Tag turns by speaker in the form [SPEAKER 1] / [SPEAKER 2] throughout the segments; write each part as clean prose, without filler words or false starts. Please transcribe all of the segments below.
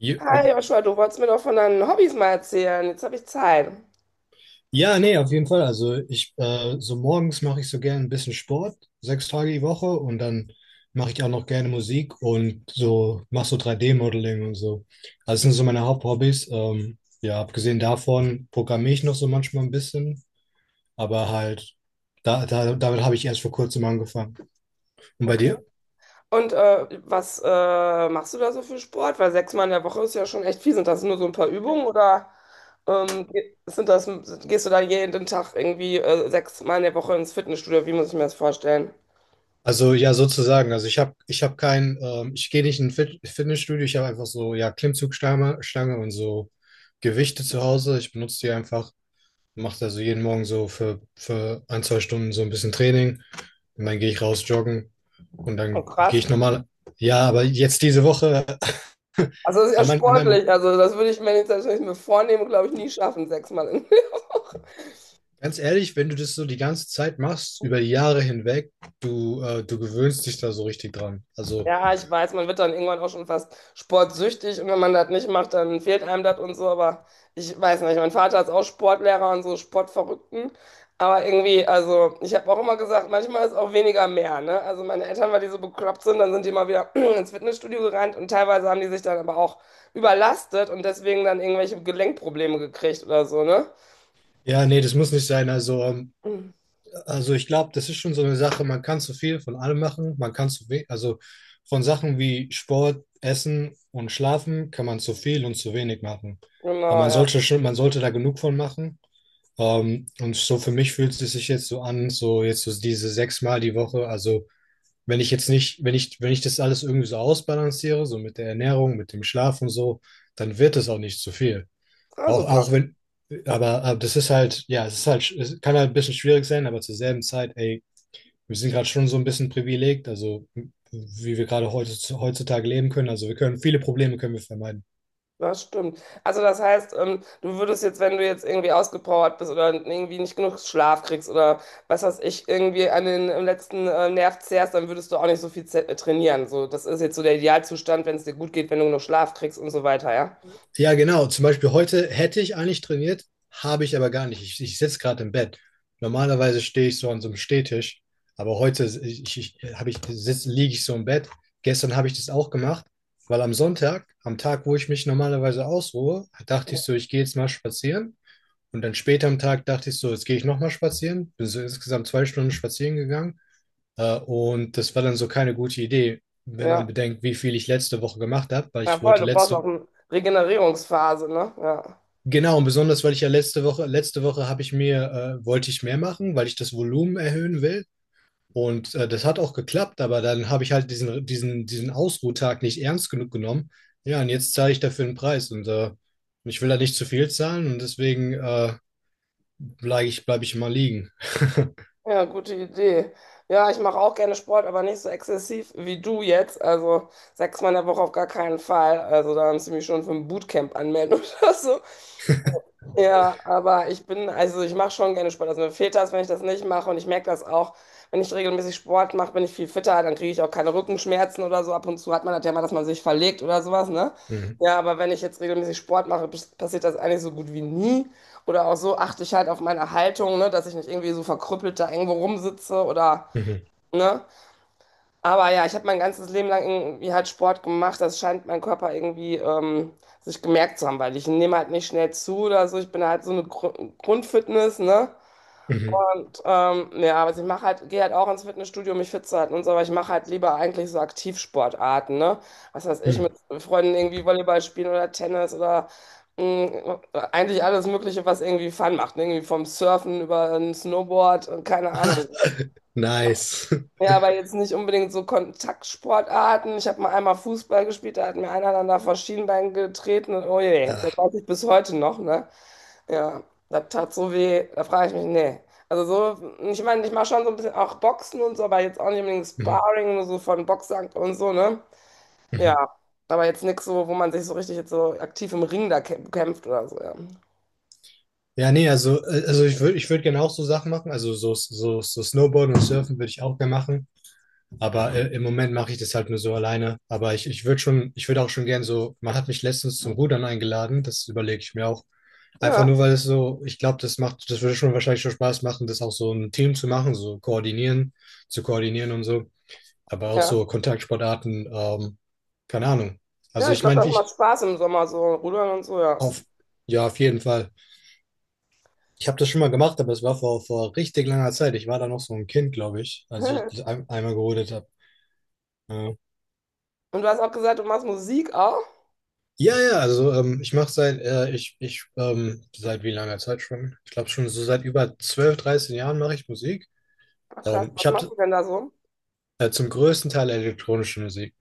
[SPEAKER 1] Hi
[SPEAKER 2] Oh.
[SPEAKER 1] Joshua, du wolltest mir doch von deinen Hobbys mal erzählen. Jetzt habe ich Zeit.
[SPEAKER 2] Ja, nee, auf jeden Fall. Also ich, so morgens mache ich so gerne ein bisschen Sport, 6 Tage die Woche und dann mache ich auch noch gerne Musik und so mache so 3D-Modeling und so. Also das sind so meine Haupthobbys. Ja, abgesehen davon programmiere ich noch so manchmal ein bisschen, aber halt damit habe ich erst vor kurzem angefangen. Und bei
[SPEAKER 1] Okay.
[SPEAKER 2] dir?
[SPEAKER 1] Und was machst du da so für Sport? Weil sechsmal in der Woche ist ja schon echt viel. Sind das nur so ein paar Übungen oder ähm, ge- sind das, gehst du da jeden Tag irgendwie sechsmal in der Woche ins Fitnessstudio? Wie muss ich mir das vorstellen?
[SPEAKER 2] Also ja, sozusagen. Also ich hab kein, ich gehe nicht in ein Fitnessstudio. Ich habe einfach so, ja, Klimmzugstange Stange und so Gewichte zu Hause. Ich benutze die einfach, mache also jeden Morgen so für ein, zwei Stunden so ein bisschen Training und dann gehe ich raus joggen und
[SPEAKER 1] Oh,
[SPEAKER 2] dann gehe
[SPEAKER 1] krass.
[SPEAKER 2] ich normal. Ja, aber jetzt diese Woche,
[SPEAKER 1] Also das ist ja
[SPEAKER 2] an meinem, an meinem,
[SPEAKER 1] sportlich. Also das würde ich mir jetzt, wenn ich mir vornehme, glaube ich, nie schaffen, sechsmal.
[SPEAKER 2] ganz ehrlich, wenn du das so die ganze Zeit machst, über die Jahre hinweg, du gewöhnst dich da so richtig dran. Also
[SPEAKER 1] Ja, ich weiß, man wird dann irgendwann auch schon fast sportsüchtig, und wenn man das nicht macht, dann fehlt einem das und so. Aber ich weiß nicht, mein Vater ist auch Sportlehrer und so Sportverrückten. Aber irgendwie, also ich habe auch immer gesagt, manchmal ist auch weniger mehr, ne? Also meine Eltern, weil die so bekloppt sind, dann sind die mal wieder ins Fitnessstudio gerannt und teilweise haben die sich dann aber auch überlastet und deswegen dann irgendwelche Gelenkprobleme gekriegt oder so, ne?
[SPEAKER 2] ja, nee, das muss nicht sein. Also ich glaube, das ist schon so eine Sache, man kann zu viel von allem machen, man kann zu wenig, also von Sachen wie Sport, Essen und Schlafen kann man zu viel und zu wenig machen. Aber
[SPEAKER 1] Genau,
[SPEAKER 2] man
[SPEAKER 1] ja.
[SPEAKER 2] sollte schon, man sollte da genug von machen. Und so für mich fühlt es sich jetzt so an, so jetzt so diese 6 Mal die Woche. Also wenn ich jetzt nicht, wenn ich das alles irgendwie so ausbalanciere, so mit der Ernährung, mit dem Schlaf und so, dann wird es auch nicht zu viel.
[SPEAKER 1] Ah,
[SPEAKER 2] Auch, auch
[SPEAKER 1] super.
[SPEAKER 2] wenn, aber das ist halt, ja, es kann halt ein bisschen schwierig sein, aber zur selben Zeit, ey, wir sind gerade schon so ein bisschen privilegiert, also wie wir gerade heutzutage leben können. Also wir können viele Probleme können wir vermeiden.
[SPEAKER 1] Das stimmt. Also das heißt, du würdest jetzt, wenn du jetzt irgendwie ausgepowert bist oder irgendwie nicht genug Schlaf kriegst oder was weiß ich, irgendwie an den letzten Nerv zehrst, dann würdest du auch nicht so viel trainieren. So, das ist jetzt so der Idealzustand, wenn es dir gut geht, wenn du genug Schlaf kriegst und so weiter, ja?
[SPEAKER 2] Ja, genau. Zum Beispiel heute hätte ich eigentlich trainiert, habe ich aber gar nicht. Ich sitze gerade im Bett. Normalerweise stehe ich so an so einem Stehtisch, aber heute ich, ich, habe ich, sitz, liege ich so im Bett. Gestern habe ich das auch gemacht, weil am Sonntag, am Tag, wo ich mich normalerweise ausruhe, dachte ich so, ich gehe jetzt mal spazieren. Und dann später am Tag dachte ich so, jetzt gehe ich nochmal spazieren. Bin so insgesamt 2 Stunden spazieren gegangen. Und das war dann so keine gute Idee, wenn man
[SPEAKER 1] Ja.
[SPEAKER 2] bedenkt, wie viel ich letzte Woche gemacht habe, weil
[SPEAKER 1] Ja,
[SPEAKER 2] ich
[SPEAKER 1] voll,
[SPEAKER 2] wollte
[SPEAKER 1] du brauchst auch
[SPEAKER 2] letzte,
[SPEAKER 1] eine Regenerierungsphase, ne? Ja.
[SPEAKER 2] genau, und besonders, weil ich ja letzte Woche habe ich mir, wollte ich mehr machen, weil ich das Volumen erhöhen will. Und das hat auch geklappt, aber dann habe ich halt diesen Ausruhtag nicht ernst genug genommen. Ja, und jetzt zahle ich dafür einen Preis ich will da nicht zu viel zahlen und deswegen bleib ich mal liegen.
[SPEAKER 1] Ja, gute Idee. Ja, ich mache auch gerne Sport, aber nicht so exzessiv wie du jetzt. Also sechsmal in der Woche auf gar keinen Fall. Also da haben sie mich schon für ein Bootcamp anmelden oder so. Ja, aber ich bin, also ich mache schon gerne Sport. Also mir fehlt das, wenn ich das nicht mache. Und ich merke das auch, wenn ich regelmäßig Sport mache, bin ich viel fitter. Dann kriege ich auch keine Rückenschmerzen oder so. Ab und zu hat man das ja mal, dass man sich verlegt oder sowas, ne?
[SPEAKER 2] Mhm.
[SPEAKER 1] Ja, aber wenn ich jetzt regelmäßig Sport mache, passiert das eigentlich so gut wie nie. Oder auch so achte ich halt auf meine Haltung, ne, dass ich nicht irgendwie so verkrüppelt da irgendwo rumsitze oder,
[SPEAKER 2] Mhm.
[SPEAKER 1] ne? Aber ja, ich habe mein ganzes Leben lang irgendwie halt Sport gemacht. Das scheint mein Körper irgendwie sich gemerkt zu haben, weil ich nehme halt nicht schnell zu oder so. Ich bin halt so eine Grundfitness, ne?
[SPEAKER 2] Mhm.
[SPEAKER 1] Und ja, also ich mache halt, gehe halt auch ins Fitnessstudio, um mich fit zu halten und so, aber ich mache halt lieber eigentlich so Aktivsportarten, ne? Was weiß ich,
[SPEAKER 2] Mhm.
[SPEAKER 1] mit Freunden irgendwie Volleyball spielen oder Tennis oder mh, eigentlich alles Mögliche, was irgendwie Fun macht, ne? Irgendwie vom Surfen über ein Snowboard, keine Ahnung.
[SPEAKER 2] Nice.
[SPEAKER 1] Ja, aber jetzt nicht unbedingt so Kontaktsportarten. Ich habe mal einmal Fußball gespielt, da hat mir einer dann da vor Schienbein getreten und oh je, das
[SPEAKER 2] Ah.
[SPEAKER 1] weiß ich bis heute noch, ne? Ja, das tat so weh, da frage ich mich, nee. Also so, ich meine, ich mache schon so ein bisschen auch Boxen und so, aber jetzt auch nicht unbedingt
[SPEAKER 2] Mhm.
[SPEAKER 1] Sparring, nur so von Boxsack und so, ne?
[SPEAKER 2] Mhm.
[SPEAKER 1] Ja, aber jetzt nichts so, wo man sich so richtig jetzt so aktiv im Ring da kämpft oder so, ja.
[SPEAKER 2] Ja, nee, also ich würd gerne auch so Sachen machen. Also so Snowboarden und Surfen würde ich auch gerne machen. Aber im Moment mache ich das halt nur so alleine. Aber ich würde schon, ich würde auch schon gern so, man hat mich letztens zum Rudern eingeladen, das überlege ich mir auch. Einfach
[SPEAKER 1] Ja,
[SPEAKER 2] nur, weil es so, ich glaube, das macht, das würde schon wahrscheinlich schon Spaß machen, das auch so ein Team zu machen, so koordinieren, zu koordinieren und so. Aber auch
[SPEAKER 1] ja.
[SPEAKER 2] so Kontaktsportarten, keine Ahnung.
[SPEAKER 1] Ja,
[SPEAKER 2] Also
[SPEAKER 1] ich
[SPEAKER 2] ich
[SPEAKER 1] glaube,
[SPEAKER 2] meine, wie
[SPEAKER 1] das macht
[SPEAKER 2] ich
[SPEAKER 1] Spaß im Sommer, so rudern und so, ja.
[SPEAKER 2] auf, ja, auf jeden Fall. Ich habe das schon mal gemacht, aber es war vor richtig langer Zeit. Ich war da noch so ein Kind, glaube ich, als ich das einmal gerodet habe. Ja.
[SPEAKER 1] Und du hast auch gesagt, du machst Musik auch?
[SPEAKER 2] Ja, ja, also ich mache seit, seit wie langer Zeit schon? Ich glaube schon so seit über 12, 13 Jahren mache ich Musik.
[SPEAKER 1] Ach, krass,
[SPEAKER 2] Ich
[SPEAKER 1] was machst
[SPEAKER 2] habe
[SPEAKER 1] du denn da so?
[SPEAKER 2] zum größten Teil elektronische Musik.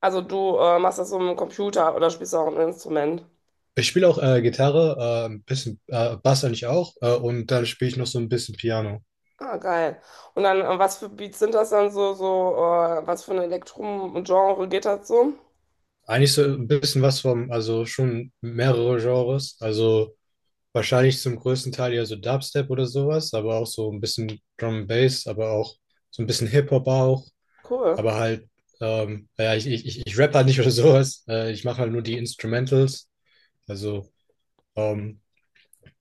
[SPEAKER 1] Also du machst das so im Computer oder spielst du auch ein Instrument?
[SPEAKER 2] Ich spiele auch Gitarre, ein bisschen Bass eigentlich auch, und dann spiele ich noch so ein bisschen Piano.
[SPEAKER 1] Ah, geil. Und dann, was für Beats sind das dann so, was für ein Elektrum-Genre geht das so?
[SPEAKER 2] Eigentlich so ein bisschen was vom, also schon mehrere Genres. Also wahrscheinlich zum größten Teil ja so Dubstep oder sowas, aber auch so ein bisschen Drum and Bass, aber auch so ein bisschen Hip-Hop auch,
[SPEAKER 1] Cool.
[SPEAKER 2] aber halt, ja, ich rapp halt nicht oder sowas. Ich mache halt nur die Instrumentals. Also, ähm,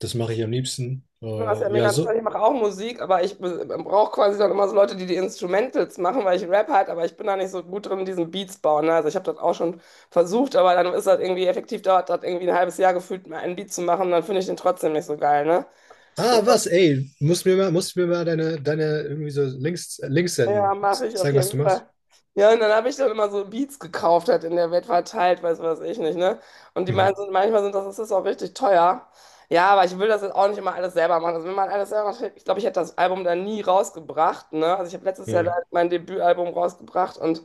[SPEAKER 2] das mache ich am liebsten.
[SPEAKER 1] Ja, das ist ja
[SPEAKER 2] Ja,
[SPEAKER 1] mega interessant.
[SPEAKER 2] so.
[SPEAKER 1] Ich mache auch Musik, aber ich brauche quasi dann immer so Leute, die die Instrumentals machen, weil ich Rap halt, aber ich bin da nicht so gut drin, diesen Beats bauen. Ne? Also ich habe das auch schon versucht, aber dann ist das irgendwie effektiv, dauert das irgendwie ein halbes Jahr gefühlt, mir einen Beat zu machen, dann finde ich den trotzdem nicht so geil, ne?
[SPEAKER 2] Ah, was, ey, musst mir mal deine irgendwie so Links
[SPEAKER 1] Ja,
[SPEAKER 2] senden.
[SPEAKER 1] mache ich auf
[SPEAKER 2] Zeigen, was
[SPEAKER 1] jeden
[SPEAKER 2] du machst.
[SPEAKER 1] Fall. Ja, und dann habe ich dann immer so Beats gekauft, halt in der Welt verteilt, weiß was ich nicht, ne? Und die
[SPEAKER 2] Mhm.
[SPEAKER 1] meinen, das ist auch richtig teuer. Ja, aber ich will das jetzt auch nicht immer alles selber machen. Also wenn man alles selber macht, ich glaube, ich hätte das Album dann nie rausgebracht, ne? Also ich habe letztes Jahr
[SPEAKER 2] Mhm.
[SPEAKER 1] leider mein Debütalbum rausgebracht und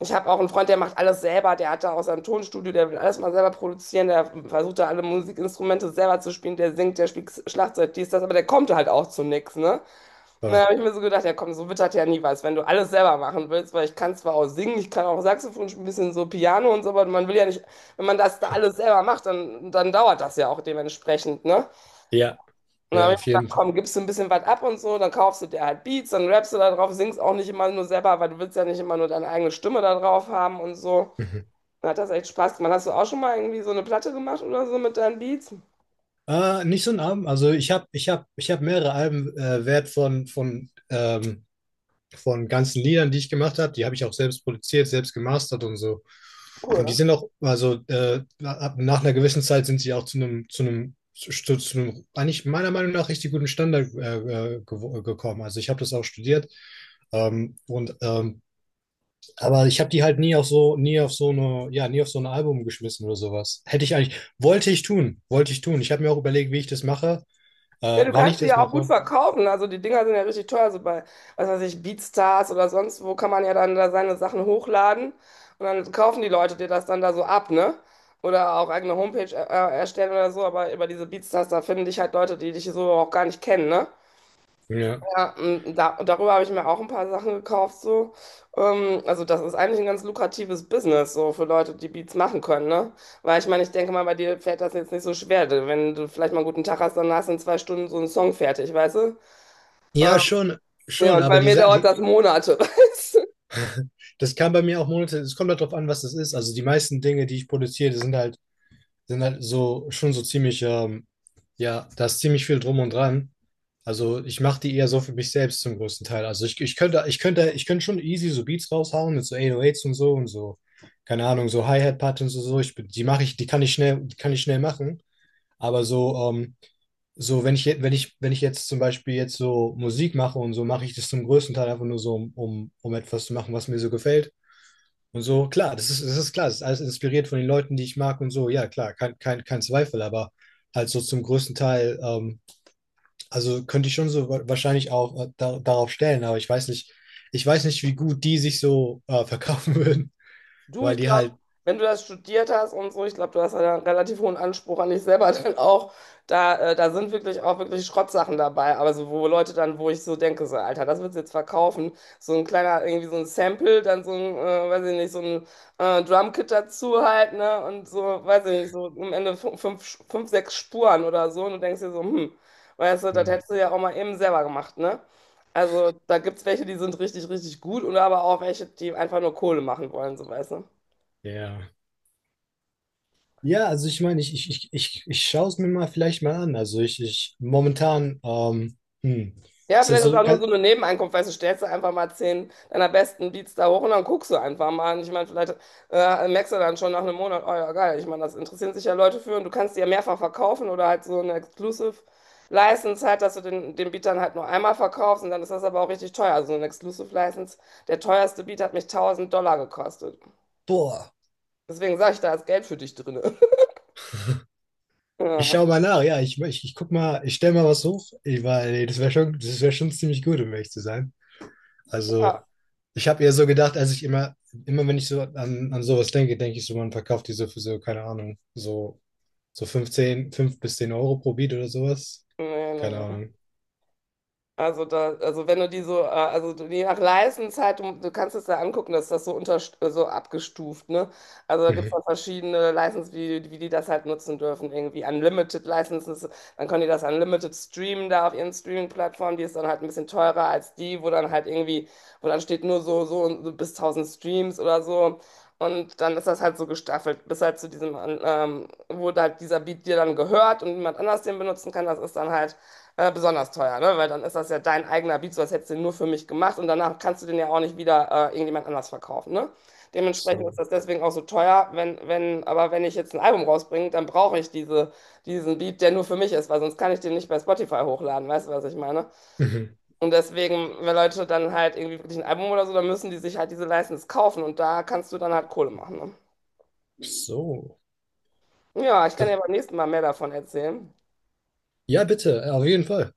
[SPEAKER 1] ich habe auch einen Freund, der macht alles selber, der hat da auch sein Tonstudio, der will alles mal selber produzieren, der versucht da alle Musikinstrumente selber zu spielen, der singt, der spielt Schlagzeug, dies, das, aber der kommt halt auch zu nichts, ne? Na,
[SPEAKER 2] Ah,
[SPEAKER 1] habe ich mir so gedacht, ja komm, so wird das ja nie was, wenn du alles selber machen willst, weil ich kann zwar auch singen, ich kann auch Saxophon spielen, ein bisschen so Piano und so, aber man will ja nicht, wenn man das da alles selber macht, dann dauert das ja auch dementsprechend, ne?
[SPEAKER 2] ja,
[SPEAKER 1] Und dann
[SPEAKER 2] ja,
[SPEAKER 1] habe ich
[SPEAKER 2] auf
[SPEAKER 1] mir gedacht,
[SPEAKER 2] jeden
[SPEAKER 1] komm, gibst du ein bisschen was ab und so, dann kaufst du dir halt Beats, dann rappst du da drauf, singst auch nicht immer nur selber, weil du willst ja nicht immer nur deine eigene Stimme da drauf haben und so.
[SPEAKER 2] Fall.
[SPEAKER 1] Dann hat das echt Spaß gemacht. Hast du auch schon mal irgendwie so eine Platte gemacht oder so mit deinen Beats?
[SPEAKER 2] Nicht so ein Album. Also ich hab mehrere Alben wert von ganzen Liedern, die ich gemacht habe. Die habe ich auch selbst produziert, selbst gemastert und so. Und die
[SPEAKER 1] Cool.
[SPEAKER 2] sind auch, also nach einer gewissen Zeit sind sie auch zu einem eigentlich meiner Meinung nach richtig guten Standard gekommen. Also ich habe das auch studiert. Ähm, und ähm, aber ich habe die halt nie auf so nie auf so eine ja nie auf so ein Album geschmissen oder sowas. Hätte ich eigentlich wollte ich tun, wollte ich tun. Ich habe mir auch überlegt, wie ich das mache.
[SPEAKER 1] Ja, du
[SPEAKER 2] Wann ich
[SPEAKER 1] kannst die
[SPEAKER 2] das
[SPEAKER 1] ja auch gut
[SPEAKER 2] mache?
[SPEAKER 1] verkaufen. Also die Dinger sind ja richtig teuer. So bei, was weiß ich, BeatStars oder sonst wo kann man ja dann da seine Sachen hochladen und dann kaufen die Leute dir das dann da so ab, ne? Oder auch eigene Homepage erstellen oder so. Aber über diese BeatStars, da finden dich halt Leute, die dich so auch gar nicht kennen, ne?
[SPEAKER 2] Ja,
[SPEAKER 1] Ja, darüber habe ich mir auch ein paar Sachen gekauft, so. Also das ist eigentlich ein ganz lukratives Business, so für Leute, die Beats machen können, ne? Weil ich meine, ich denke mal, bei dir fällt das jetzt nicht so schwer. Wenn du vielleicht mal einen guten Tag hast, dann hast du in zwei Stunden so einen Song fertig, weißt du? Ähm,
[SPEAKER 2] ja schon,
[SPEAKER 1] ja,
[SPEAKER 2] schon,
[SPEAKER 1] und
[SPEAKER 2] aber
[SPEAKER 1] bei mir dauert
[SPEAKER 2] Die,
[SPEAKER 1] das Monate.
[SPEAKER 2] das kann bei mir auch Monate, es kommt halt drauf an, was das ist. Also die meisten Dinge, die ich produziere, die sind halt so, schon so ziemlich, ja, da ist ziemlich viel drum und dran. Also ich mache die eher so für mich selbst zum größten Teil. Also ich könnte schon easy so Beats raushauen mit so 808s und so, keine Ahnung, so Hi-Hat-Patterns und so. Die mache ich, die kann ich schnell machen. Aber so, so, wenn ich, je- wenn ich, wenn ich jetzt zum Beispiel jetzt so Musik mache und so, mache ich das zum größten Teil einfach nur so, um etwas zu machen, was mir so gefällt. Und so, klar, das ist klar, das ist alles inspiriert von den Leuten, die ich mag und so, ja, klar, kein Zweifel, aber halt so zum größten Teil, also könnte ich schon so wahrscheinlich auch, darauf stellen, aber ich weiß nicht, wie gut die sich so verkaufen würden,
[SPEAKER 1] Du,
[SPEAKER 2] weil
[SPEAKER 1] ich
[SPEAKER 2] die
[SPEAKER 1] glaube,
[SPEAKER 2] halt,
[SPEAKER 1] wenn du das studiert hast und so, ich glaube, du hast ja einen relativ hohen Anspruch an dich selber dann auch. Da sind wirklich auch wirklich Schrottsachen dabei. Aber so, wo Leute dann, wo ich so denke, so, Alter, das willst du jetzt verkaufen. So ein kleiner, irgendwie so ein Sample, dann so ein, weiß ich nicht, so ein Drumkit dazu halt, ne? Und so, weiß ich nicht, so am Ende fünf, sechs Spuren oder so. Und du denkst dir so, weißt du, das
[SPEAKER 2] hm,
[SPEAKER 1] hättest du ja auch mal eben selber gemacht, ne? Also da gibt es welche, die sind richtig, richtig gut und aber auch welche, die einfach nur Kohle machen wollen, so weißt du.
[SPEAKER 2] ja. Ja, also ich meine, ich schaue es mir mal vielleicht mal an. Also ich momentan,
[SPEAKER 1] Ja,
[SPEAKER 2] ist das
[SPEAKER 1] vielleicht ist
[SPEAKER 2] so
[SPEAKER 1] auch nur so
[SPEAKER 2] ganz,
[SPEAKER 1] eine Nebeneinkunft, weißt du, stellst du einfach mal 10 deiner besten Beats da hoch und dann guckst du einfach mal. Und ich meine, vielleicht merkst du dann schon nach einem Monat, oh ja, geil, ich meine, das interessieren sich ja Leute für und du kannst die ja mehrfach verkaufen oder halt so eine Exclusive License halt, dass du den Beat dann halt nur einmal verkaufst und dann ist das aber auch richtig teuer. Also so eine Exclusive License, der teuerste Beat hat mich 1000 Dollar gekostet.
[SPEAKER 2] boah,
[SPEAKER 1] Deswegen sage ich, da ist Geld für dich drin.
[SPEAKER 2] ich schaue mal nach, ja, ich guck mal, ich stelle mal was hoch, ich, weil das wäre schon ziemlich gut, um ehrlich zu sein.
[SPEAKER 1] Ja,
[SPEAKER 2] Also
[SPEAKER 1] ja,
[SPEAKER 2] ich habe eher so gedacht, als ich immer, immer wenn ich so an, sowas denke, denke ich so, man verkauft die so für so, keine Ahnung, so 5 bis 10 Euro pro Beat oder sowas.
[SPEAKER 1] nee,
[SPEAKER 2] Keine
[SPEAKER 1] nee, nee.
[SPEAKER 2] Ahnung.
[SPEAKER 1] Also da, also wenn du die so, je nach License halt, du kannst es da angucken, dass das so unter, so abgestuft, ne? Also da gibt es
[SPEAKER 2] Mhm.
[SPEAKER 1] dann verschiedene License, wie die das halt nutzen dürfen, irgendwie Unlimited Licenses, dann können die das Unlimited streamen da auf ihren Streaming-Plattformen, die ist dann halt ein bisschen teurer als die, wo dann halt irgendwie, wo dann steht nur und so bis 1000 Streams oder so. Und dann ist das halt so gestaffelt, bis halt zu diesem, wo halt dieser Beat dir dann gehört und niemand anders den benutzen kann, das ist dann halt besonders teuer, ne? Weil dann ist das ja dein eigener Beat, so als hättest du den nur für mich gemacht und danach kannst du den ja auch nicht wieder irgendjemand anders verkaufen, ne? Dementsprechend
[SPEAKER 2] So.
[SPEAKER 1] ist das deswegen auch so teuer, wenn, aber wenn ich jetzt ein Album rausbringe, dann brauche ich diesen Beat, der nur für mich ist, weil sonst kann ich den nicht bei Spotify hochladen, weißt du, was ich meine?
[SPEAKER 2] Mhm.
[SPEAKER 1] Und deswegen, wenn Leute dann halt irgendwie wirklich ein Album oder so, dann müssen die sich halt diese License kaufen und da kannst du dann halt Kohle machen,
[SPEAKER 2] So.
[SPEAKER 1] ne? Ja, ich kann
[SPEAKER 2] Das,
[SPEAKER 1] dir beim nächsten Mal mehr davon erzählen.
[SPEAKER 2] ja, bitte, auf jeden Fall.